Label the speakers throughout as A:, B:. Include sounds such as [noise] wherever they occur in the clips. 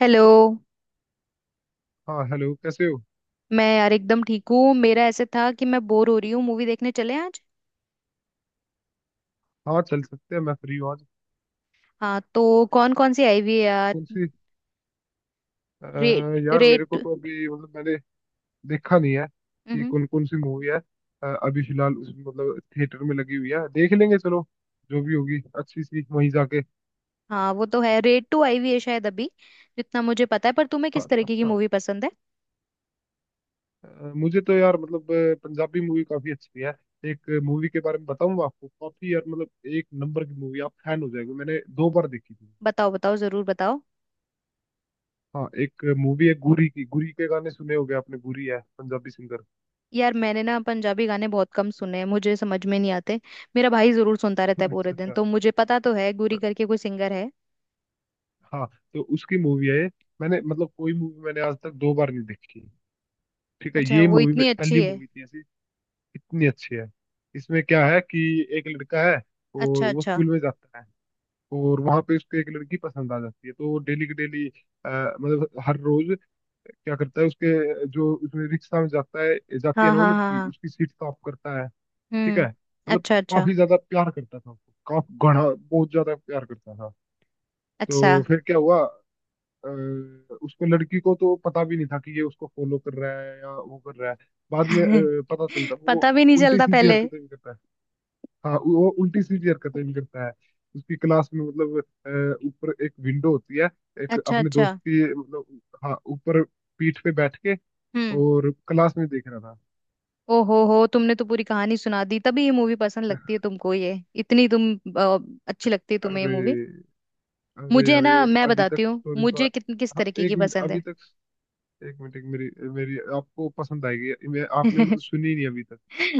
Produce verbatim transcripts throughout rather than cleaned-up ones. A: Hello.
B: हाँ, hello, कैसे हो?
A: मैं यार एकदम ठीक हूँ। मेरा ऐसे था कि मैं बोर हो रही हूँ, मूवी देखने चले आज।
B: हाँ, चल सकते हैं, मैं फ्री हूँ आज।
A: हाँ तो कौन कौन सी आई हुई है यार?
B: कौन सी? अ,
A: रेट।
B: यार, मेरे को
A: रेट।
B: तो अभी मतलब मैंने देखा नहीं है कि
A: हम्म।
B: कौन कौन सी मूवी है। अ, अभी फिलहाल उस मतलब थिएटर में लगी हुई है, देख लेंगे चलो। जो भी होगी अच्छी सी, वहीं जाके।
A: हाँ वो तो है, रेट टू आई हुई है शायद अभी जितना मुझे पता है। पर तुम्हें किस
B: और
A: तरीके की
B: अच्छा।
A: मूवी पसंद है?
B: अ, मुझे तो यार मतलब अ, पंजाबी मूवी काफी अच्छी है। एक मूवी के बारे में बताऊंगा आपको, काफी यार मतलब, एक नंबर की मूवी, आप फैन हो जाएंगे। मैंने दो बार देखी थी।
A: बताओ बताओ जरूर बताओ।
B: हाँ, एक मूवी है गुरी की। गुरी के गाने सुने होंगे आपने। गुरी है पंजाबी सिंगर।
A: यार मैंने ना पंजाबी गाने बहुत कम सुने हैं, मुझे समझ में नहीं आते। मेरा भाई जरूर सुनता
B: [laughs]
A: रहता है पूरे
B: अच्छा,
A: दिन,
B: अच्छा।
A: तो मुझे पता तो है गुरी करके कोई सिंगर है।
B: हाँ, तो उसकी मूवी है ये। मैंने मतलब कोई मूवी मैंने आज तक दो बार नहीं देखी। ठीक है,
A: अच्छा,
B: ये
A: वो
B: मूवी में-
A: इतनी अच्छी
B: पहली
A: है?
B: मूवी थी ऐसी। इतनी अच्छी है। इसमें क्या है कि एक लड़का है और
A: अच्छा
B: वो
A: अच्छा।
B: स्कूल में जाता है। और वहां पे उसको एक लड़की पसंद आ जाती है, तो वो डेली की डेली, अ, मतलब हर रोज, क्या करता है, उसके जो उसमें रिक्शा में जाता है, जाती है
A: हाँ
B: ना वो
A: हाँ हाँ
B: लड़की,
A: हाँ।
B: उसकी सीट साफ करता है। ठीक है,
A: हम्म।
B: मतलब
A: अच्छा अच्छा।
B: काफी ज्यादा प्यार करता था उसको, काफी घना, बहुत ज्यादा प्यार करता था।
A: अच्छा।
B: तो फिर क्या हुआ? अ, उसको, लड़की को तो पता भी नहीं था कि ये उसको फॉलो कर रहा है या वो कर रहा है। बाद में अ,
A: [laughs]
B: पता चलता। वो
A: पता भी नहीं
B: उल्टी
A: चलता
B: सीधी
A: पहले।
B: हरकतें भी करता है। हाँ, वो उल्टी सीधी हरकतें भी करता है। उसकी क्लास में मतलब, अ, ऊपर एक विंडो होती है। एक
A: अच्छा
B: अपने
A: अच्छा।
B: दोस्त की मतलब, हाँ, ऊपर पीठ पे बैठ के
A: हम्म।
B: और क्लास में देख रहा था।
A: ओ हो हो तुमने तो पूरी कहानी सुना दी। तभी ये मूवी पसंद लगती है तुमको ये। इतनी तुम अ, अच्छी लगती है तुम्हें ये
B: अरे,
A: मूवी?
B: अरे,
A: मुझे ना,
B: अरे,
A: मैं
B: अभी
A: बताती
B: तक
A: हूँ
B: स्टोरी तो,
A: मुझे कितन किस
B: हाँ,
A: तरीके की
B: एक मिनट,
A: पसंद
B: अभी
A: है।
B: तक एक मिनट, एक मेरी मेरी आपको पसंद आएगी, मैं आपने मतलब
A: [laughs]
B: सुनी नहीं अभी तक।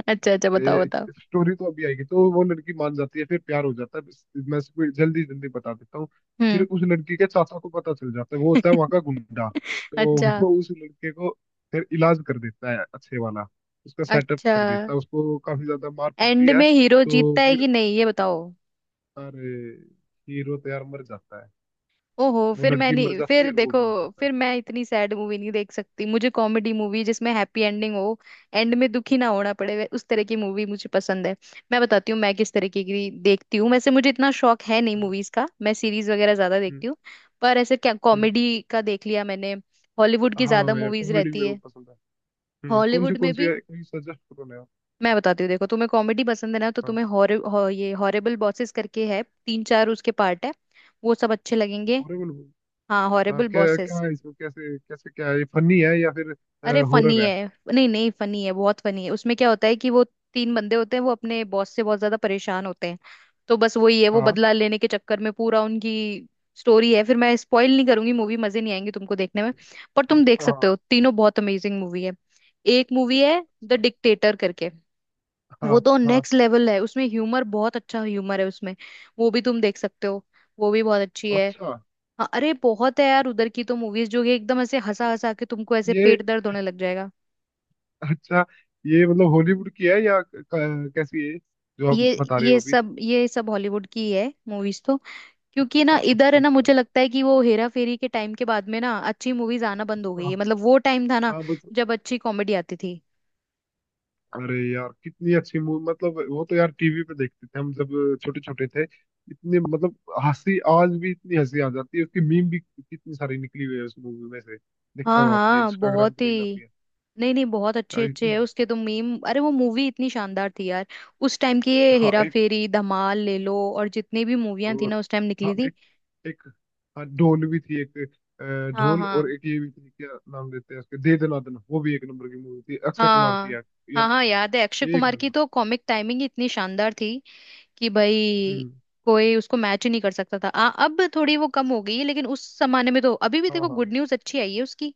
A: अच्छा अच्छा बताओ बताओ।
B: स्टोरी तो अभी आएगी। तो वो लड़की मान जाती है, फिर प्यार हो जाता है। बस मैं इसको जल्दी जल्दी बता देता हूँ। फिर
A: हम्म।
B: उस लड़की के चाचा को पता चल जाता है, वो होता है वहां का
A: [laughs]
B: गुंडा। तो
A: अच्छा
B: वो उस लड़के को फिर इलाज कर देता है, अच्छे वाला उसका सेटअप
A: अच्छा।
B: कर देता है, उसको काफी ज्यादा मार पड़ती
A: एंड
B: है,
A: में हीरो
B: तो
A: जीतता है
B: फिर
A: कि नहीं, ये बताओ।
B: अरे, हीरो तो यार मर जाता है।
A: ओहो,
B: वो
A: फिर मैं
B: लड़की मर
A: नहीं,
B: जाती
A: फिर
B: है और वो
A: देखो।
B: भी मर जाता है।
A: फिर मैं इतनी सैड मूवी नहीं देख सकती। मुझे कॉमेडी मूवी जिसमें हैप्पी एंडिंग हो, एंड में दुखी ना होना पड़े, वे- उस तरह की मूवी मुझे पसंद है। मैं बताती हूँ मैं किस तरीके की देखती हूँ। वैसे मुझे इतना शौक है नहीं
B: हम्म,
A: मूवीज का, मैं सीरीज वगैरह ज्यादा
B: हम्म,
A: देखती हूँ। पर ऐसे क्या
B: हम्म।
A: कॉमेडी का देख लिया मैंने। हॉलीवुड की
B: हाँ,
A: ज्यादा
B: यार,
A: मूवीज
B: कॉमेडी
A: रहती
B: मेरे को
A: है।
B: पसंद है। हम्म, कौन सी
A: हॉलीवुड में
B: कौन सी
A: भी
B: है, कोई सजेस्ट करो ना यार।
A: मैं बताती हूँ, देखो तुम्हें कॉमेडी पसंद है ना, तो
B: हाँ,
A: तुम्हें हॉर हॉ- ये हॉरेबल बॉसेस करके है, तीन चार उसके पार्ट है। वो सब अच्छे लगेंगे।
B: हॉरर।
A: हाँ
B: हाँ,
A: हॉरेबल
B: क्या क्या
A: बॉसेस।
B: है इसमें, कैसे कैसे क्या है, ये फनी है या फिर
A: अरे फनी
B: हॉरर है?
A: है। नहीं नहीं, फनी है, बहुत फनी है। उसमें क्या होता है कि वो तीन बंदे होते हैं, वो अपने बॉस से बहुत ज्यादा परेशान होते हैं, तो बस वही है, वो
B: हाँ
A: बदला लेने के चक्कर में पूरा उनकी स्टोरी है। फिर मैं स्पॉइल नहीं करूंगी, मूवी मजे नहीं आएंगे तुमको देखने में। पर तुम देख सकते
B: हाँ,
A: हो, तीनों बहुत अमेजिंग मूवी है। एक मूवी है द
B: अच्छा,
A: डिक्टेटर करके, वो
B: हाँ
A: तो
B: हाँ,
A: नेक्स्ट लेवल है। उसमें ह्यूमर, बहुत अच्छा ह्यूमर है उसमें। वो भी तुम देख सकते हो, वो भी बहुत अच्छी है।
B: अच्छा,
A: हाँ, अरे बहुत है यार उधर की तो मूवीज, जो कि एकदम ऐसे हंसा हंसा के तुमको ऐसे
B: ये
A: पेट दर्द होने लग जाएगा।
B: अच्छा, ये मतलब हॉलीवुड की है या क- क- कैसी है जो
A: ये
B: आप बता रहे
A: ये
B: हो अभी?
A: सब, ये सब हॉलीवुड की ही है मूवीज तो। क्योंकि ना
B: अच्छा,
A: इधर है
B: अच्छा,
A: ना, मुझे
B: अच्छा।
A: लगता है कि वो हेरा फेरी के टाइम के बाद में ना अच्छी मूवीज आना बंद हो गई है।
B: हाँ
A: मतलब वो टाइम था ना
B: हाँ, बस।
A: जब अच्छी कॉमेडी आती थी।
B: अरे यार, कितनी अच्छी मूवी मतलब, वो तो यार टीवी पे देखते थे हम, जब छोटे छोटे थे, इतने मतलब हंसी, आज भी इतनी हंसी आ जाती है। उसकी मीम भी कितनी सारी निकली हुई है उस मूवी में से। देखा
A: हाँ
B: हो आपने,
A: हाँ
B: इंस्टाग्राम
A: बहुत ही।
B: पे रील आती है।
A: नहीं नहीं, बहुत अच्छे
B: यार,
A: अच्छे
B: इतनी।
A: है उसके तो मीम। अरे वो मूवी इतनी शानदार थी यार, उस टाइम की। ये
B: हाँ,
A: हेरा फेरी, धमाल ले लो, और जितनी भी मूवियां थी
B: और
A: ना उस टाइम
B: हाँ,
A: निकली थी।
B: एक, एक, हाँ, ढोल भी थी एक। अ,
A: हाँ
B: ढोल, और
A: हाँ
B: एक ये भी थी, क्या नाम देते हैं उसके, दे दना दना वो भी एक नंबर की मूवी थी अक्षय कुमार की
A: हाँ
B: यार।
A: हाँ। हाँ
B: यार,
A: याद है, अक्षय
B: एक
A: कुमार की
B: नंबर।
A: तो कॉमिक टाइमिंग इतनी शानदार थी कि भाई
B: हम्म।
A: कोई उसको मैच ही नहीं कर सकता था। आ, अब थोड़ी वो कम हो गई है लेकिन उस जमाने में तो। अभी भी
B: हाँ हाँ
A: देखो
B: हाँ।
A: गुड न्यूज अच्छी आई है उसकी,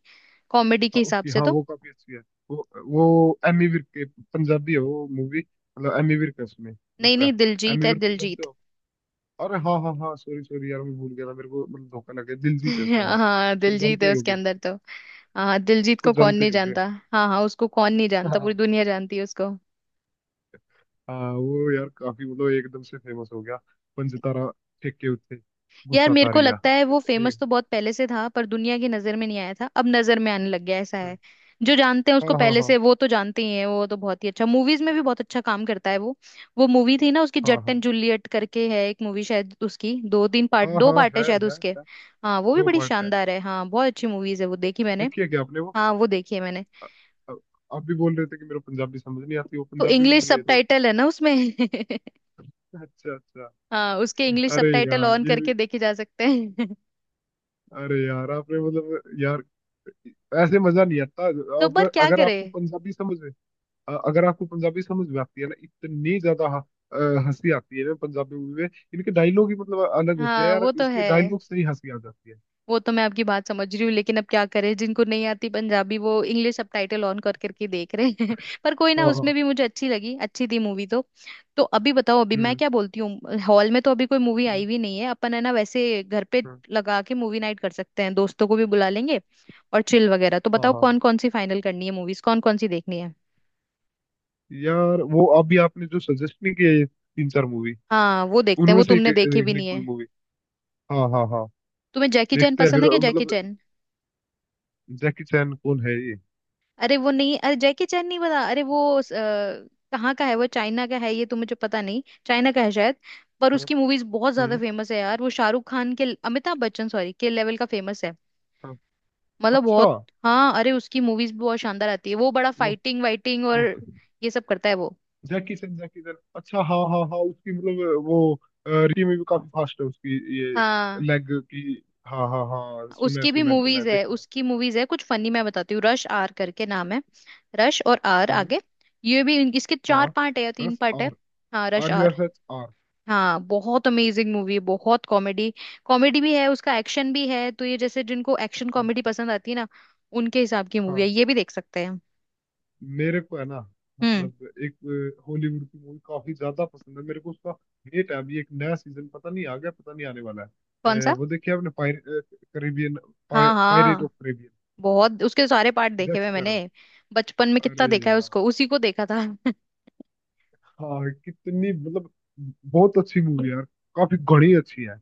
A: कॉमेडी के
B: हाँ,
A: हिसाब
B: उसकी,
A: से
B: हाँ,
A: तो।
B: वो काफी अच्छी है। वो वो एमी विर्क के, पंजाबी है वो मूवी, मतलब एमी विर्क है उसमें
A: नहीं
B: दूसरा।
A: नहीं दिलजीत
B: एमी
A: है,
B: विर्क को जानते
A: दिलजीत।
B: हो? अरे, हाँ हाँ हाँ, सॉरी सॉरी यार, मैं भूल गया था, मेरे को मतलब धोखा लग गया। दिलजीत है उसमें, हाँ,
A: [laughs] हाँ
B: उसको
A: दिलजीत
B: जानते
A: है
B: ही
A: उसके
B: होगे।
A: अंदर तो। हाँ दिलजीत
B: उसको
A: को कौन
B: जानते ही
A: नहीं
B: होगे।
A: जानता। हाँ हाँ उसको कौन नहीं जानता, पूरी
B: [laughs]
A: दुनिया जानती है उसको।
B: हाँ, वो यार काफी मतलब एकदम से फेमस हो गया। पंजतारा, फेंक के उत्ते,
A: यार
B: गुस्सा
A: मेरे को
B: तारिया।
A: लगता है वो फेमस
B: एक-
A: तो बहुत पहले से था, पर दुनिया की नजर में नहीं आया था, अब नजर में आने लग गया, ऐसा है।
B: हम्म,
A: जो जानते हैं
B: हाँ
A: उसको
B: हाँ
A: पहले से
B: हाँ
A: वो तो जानते ही हैं, वो तो बहुत ही अच्छा, मूवीज में भी बहुत अच्छा काम करता है वो। वो मूवी थी ना उसकी, जट एंड
B: हाँ
A: जूलियट करके है एक मूवी, शायद उसकी दो तीन पार्ट,
B: हाँ, हाँ
A: दो
B: हाँ,
A: पार्ट है
B: है
A: शायद
B: है
A: उसके।
B: है।
A: हाँ वो भी
B: दो
A: बड़ी
B: पार्ट है।
A: शानदार है। हाँ बहुत अच्छी मूवीज है, वो देखी मैंने।
B: देखिए क्या आपने वो
A: हाँ वो देखी है मैंने।
B: अ- अ- आप भी बोल रहे थे कि मेरा पंजाबी समझ नहीं आती, वो
A: तो
B: पंजाबी
A: इंग्लिश
B: मूवी है तो।
A: सबटाइटल है ना उसमें।
B: अच्छा, अच्छा।
A: [laughs] हाँ उसके इंग्लिश
B: अरे
A: सबटाइटल
B: यार,
A: ऑन
B: ये भी,
A: करके देखे जा सकते हैं। [laughs]
B: अरे यार, आपने मतलब यार, ऐसे मजा नहीं आता।
A: तो
B: अब
A: पर क्या
B: अगर
A: करे।
B: आपको पंजाबी समझ, अ- अगर आपको पंजाबी समझ में आती है ना, इतनी ज्यादा ह- अ, हंसी आती है ना पंजाबी मूवी में। इनके डायलॉग ही मतलब अलग होते हैं
A: हाँ
B: यार,
A: वो तो
B: इसके
A: है।
B: डायलॉग से ही हंसी आ जाती है।
A: वो तो मैं आपकी बात समझ रही हूँ, लेकिन अब क्या करें, जिनको नहीं आती पंजाबी वो इंग्लिश सबटाइटल ऑन कर करके देख रहे हैं। [laughs] पर कोई ना,
B: हाँ
A: उसमें
B: हाँ।
A: भी मुझे अच्छी लगी, अच्छी थी मूवी तो। तो अभी बताओ, अभी मैं
B: हम्म,
A: क्या बोलती हूँ, हॉल में तो अभी कोई मूवी
B: हम्म,
A: आई भी नहीं है। अपन है ना, वैसे घर पे
B: हाँ।
A: लगा के मूवी नाइट कर सकते हैं, दोस्तों को भी बुला लेंगे और चिल वगैरह। तो
B: हाँ
A: बताओ
B: हाँ
A: कौन
B: हाँ।
A: कौन सी फाइनल करनी है, मूवीज कौन कौन सी देखनी है।
B: यार, वो अभी आपने जो सजेस्ट नहीं किया, ये तीन चार मूवी,
A: हाँ वो देखते हैं,
B: उनमें
A: वो
B: से एक
A: तुमने देखी
B: देख
A: भी
B: लें
A: नहीं
B: कोई
A: है।
B: मूवी। हाँ हाँ हाँ।
A: तुम्हें जैकी चैन
B: देखते हैं
A: पसंद है
B: फिर
A: क्या, जैकी?
B: मतलब, जैकी चैन कौन है ये?
A: अरे वो नहीं, अरे जैकी चैन नहीं पता? अरे वो अ, कहाँ का है वो, चाइना का है ये तो, मुझे पता नहीं, चाइना का है शायद। पर
B: हाँ,
A: उसकी मूवीज बहुत ज्यादा
B: हम्म,
A: फेमस है यार, वो शाहरुख खान के, अमिताभ बच्चन सॉरी के लेवल का फेमस है।
B: हाँ।
A: मतलब
B: अच्छा,
A: बहुत। हाँ अरे उसकी मूवीज भी बहुत शानदार आती है। वो बड़ा फाइटिंग वाइटिंग और
B: वो
A: ये सब करता है वो।
B: जैकी सन, जैकी सन, अच्छा, हाँ हाँ हाँ, उसकी मतलब वो रियली में भी काफी फास्ट है, उसकी ये
A: हाँ
B: लेग की। हाँ हाँ हाँ, सुना है,
A: उसकी भी
B: सुना है, सुना
A: मूवीज
B: है,
A: है,
B: देखा है।
A: उसकी मूवीज है कुछ फनी। मैं बताती हूँ, रश आर करके नाम है, रश, और आर
B: हम्म।
A: आगे। ये भी इन- इसके चार
B: हाँ,
A: पार्ट है या तीन
B: प्लस
A: पार्ट है।
B: आर।
A: हाँ rush
B: hour U
A: R.
B: S H R.
A: हाँ बहुत अमेजिंग मूवी है, बहुत कॉमेडी। कॉमेडी भी है उसका, एक्शन भी है, तो ये जैसे जिनको एक्शन कॉमेडी पसंद आती है ना, उनके हिसाब की मूवी है,
B: हाँ,
A: ये भी देख सकते हैं हम।
B: मेरे को है ना,
A: हम्म
B: मतलब एक हॉलीवुड की मूवी काफी ज्यादा पसंद है मेरे को, उसका वेट है अभी, एक नया सीजन पता नहीं आ गया, पता नहीं आने वाला
A: कौन
B: है। अ,
A: सा।
B: वो देखिए आपने, पाइरेट करेबियन,
A: हाँ
B: पाइरेट
A: हाँ
B: ऑफ करेबियन,
A: बहुत उसके सारे पार्ट देखे
B: जैक
A: हुए मैंने।
B: स्पैरो।
A: बचपन में कितना
B: अरे
A: देखा है उसको,
B: यार,
A: उसी को देखा था। [laughs]
B: हाँ, कितनी मतलब बहुत अच्छी मूवी यार, काफी घनी अच्छी है।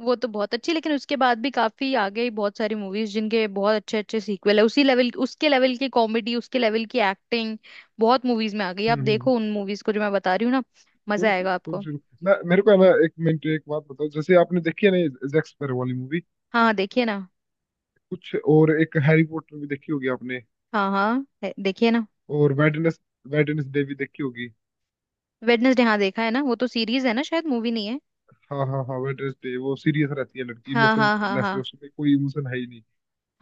A: वो तो बहुत अच्छी, लेकिन उसके बाद भी काफी आ गई बहुत सारी मूवीज जिनके बहुत अच्छे अच्छे सीक्वल है, उसी लेवल, उसके लेवल की कॉमेडी, उसके लेवल की एक्टिंग बहुत मूवीज में आ गई। आप
B: हम्म, हम्म, हम्म।
A: देखो उन मूवीज को जो मैं बता रही हूँ ना,
B: कौन
A: मजा
B: सी
A: आएगा
B: कौन
A: आपको।
B: सी? ना, मेरे को है ना, एक मिनट, एक बात बताओ, जैसे आपने देखी है ना ये जैक स्पैरो वाली मूवी,
A: हाँ हाँ, देखिए ना।
B: कुछ और, एक हैरी पॉटर भी देखी होगी आपने,
A: हाँ हाँ है- देखिए ना।
B: और वेडनेस वेडनेसडे भी देखी होगी।
A: वेडनेसडे हाँ देखा है ना, वो तो सीरीज है ना शायद, मूवी नहीं है।
B: हाँ हाँ हाँ, वेडनेसडे, वो सीरियस रहती है लड़की,
A: हाँ
B: इमोशन
A: हाँ हाँ
B: लेस
A: हाँ।
B: है, उसमें कोई इमोशन है ही नहीं।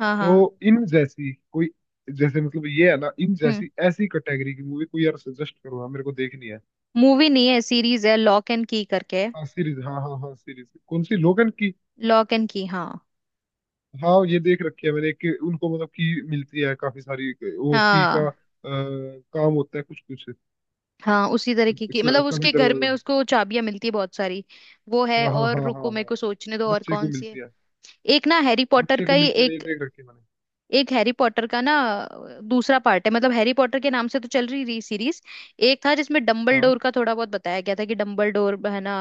A: हाँ हाँ।
B: तो इन जैसी कोई, जैसे मतलब ये है ना, इन
A: हम्म।
B: जैसी ऐसी कैटेगरी की मूवी कोई यार सजेस्ट करो, हाँ मेरे को देखनी है।
A: मूवी नहीं है, सीरीज है, लॉक एंड की करके।
B: हाँ, सीरीज, हाँ हाँ हाँ, सीरीज कौन सी, लोगन की?
A: लॉक एंड की हाँ।
B: हाँ, ये देख रखी है मैंने, कि उनको मतलब की मिलती है काफी सारी। वो की का अ,
A: हाँ
B: काम होता है कुछ कुछ।
A: हाँ उसी तरीके की, मतलब
B: क- कभी
A: उसके घर में
B: दरवाजा।
A: उसको चाबियां मिलती है बहुत सारी, वो है।
B: हाँ हाँ
A: और
B: हाँ
A: रुको
B: हाँ
A: मेरे
B: हाँ,
A: को सोचने दो और
B: बच्चे को
A: कौन सी है।
B: मिलती है।
A: एक ना हैरी पॉटर
B: बच्चे
A: का
B: को
A: ही,
B: मिलती है ना, ये
A: एक,
B: देख रखी है मैंने।
A: एक हैरी पॉटर का ना, दूसरा पार्ट है। मतलब हैरी पॉटर के नाम से तो चल रही रही सीरीज। एक था जिसमें डम्बल
B: हाँ
A: डोर का थोड़ा बहुत बताया गया था, कि डम्बल डोर है ना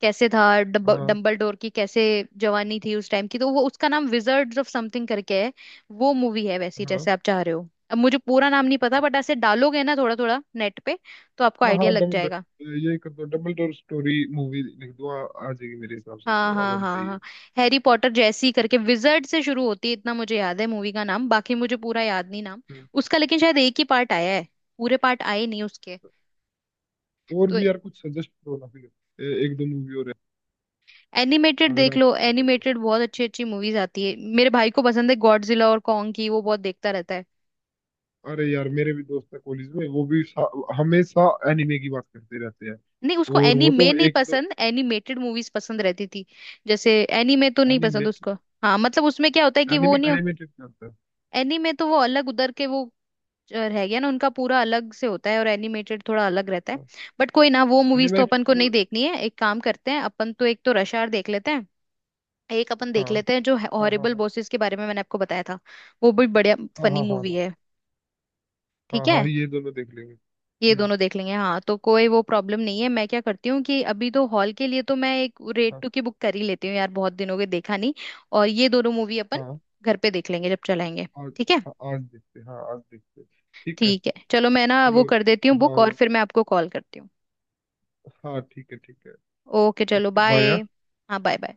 A: कैसे था,
B: हाँ
A: डम्बल डोर की कैसे जवानी थी उस टाइम की, तो वो उसका नाम विजर्ड्स ऑफ समथिंग करके है। वो मूवी है वैसी जैसे
B: हाँ
A: आप चाह रहे हो, अब मुझे पूरा नाम नहीं पता, बट ऐसे डालोगे ना थोड़ा थोड़ा नेट पे तो आपको
B: हाँ
A: आइडिया
B: हाँ,
A: लग
B: डबल डो-
A: जाएगा।
B: ये कर दो, डबल डोर स्टोरी मूवी लिख दो, आ, आ जाएगी, मेरे हिसाब से
A: हाँ
B: तो आ
A: हाँ
B: जानी
A: हाँ हाँ।
B: चाहिए।
A: हैरी पॉटर जैसी करके, विजर्ड से शुरू होती है, इतना मुझे याद है मूवी का नाम, बाकी मुझे पूरा याद नहीं नाम
B: हम्म।
A: उसका, लेकिन शायद एक ही पार्ट आया है, पूरे पार्ट आए नहीं उसके।
B: और
A: तो
B: भी यार कुछ सजेस्ट करो ना फिर, ए- एक दो मूवी और है,
A: एनिमेटेड
B: अगर
A: देख
B: आप
A: लो,
B: बताओ तो।
A: एनिमेटेड बहुत अच्छी अच्छी मूवीज आती है, मेरे भाई को पसंद है गॉडजिला और कॉन्ग की, वो बहुत देखता रहता है।
B: अरे यार, मेरे भी दोस्त है कॉलेज में, वो भी सा- हमेशा एनिमे की बात करते रहते हैं।
A: नहीं उसको
B: और वो
A: एनीमे
B: तो
A: नहीं
B: एक दो
A: पसंद, एनिमेटेड मूवीज पसंद रहती थी जैसे। एनीमे तो नहीं पसंद
B: एनिमेटेड,
A: उसको। हाँ मतलब उसमें क्या होता है कि वो
B: एनिमे
A: नहीं,
B: एनिमेटेड करता है।
A: एनीमे तो वो अलग, उधर के वो रह गया ना उनका पूरा अलग से होता है, और एनिमेटेड थोड़ा अलग रहता है।
B: हाँ,
A: बट कोई ना, वो मूवीज तो अपन को
B: एनिमेटेड।
A: नहीं देखनी है। एक काम करते हैं, अपन तो एक तो रश आवर देख लेते हैं, एक अपन देख
B: हाँ
A: लेते हैं जो
B: हाँ हाँ
A: हॉरिबल
B: हाँ
A: बॉसेस के बारे में मैंने आपको बताया था, वो भी बढ़िया
B: हाँ
A: फनी
B: हाँ हाँ
A: मूवी है।
B: हाँ
A: ठीक है
B: हाँ हाँ ये दोनों देख लेंगे,
A: ये
B: हम्म।
A: दोनों देख लेंगे। हाँ तो कोई वो प्रॉब्लम नहीं है। मैं क्या करती हूँ कि अभी तो हॉल के लिए तो मैं एक रेड
B: हाँ।
A: टू की बुक कर ही लेती हूँ यार, बहुत दिन हो गए देखा नहीं। और ये दोनों मूवी अपन
B: हाँ,
A: घर पे देख लेंगे जब चलाएंगे।
B: आज।
A: ठीक है।
B: हाँ, आज देखते हैं, हाँ आज देखते हैं। ठीक है,
A: ठीक है चलो, मैं ना वो
B: चलो।
A: कर देती हूँ
B: हाँ।
A: बुक, और फिर मैं आपको कॉल करती हूँ।
B: हाँ, ठीक है, ठीक है।
A: ओके चलो
B: ओके,
A: बाय।
B: बाय।
A: हाँ बाय बाय।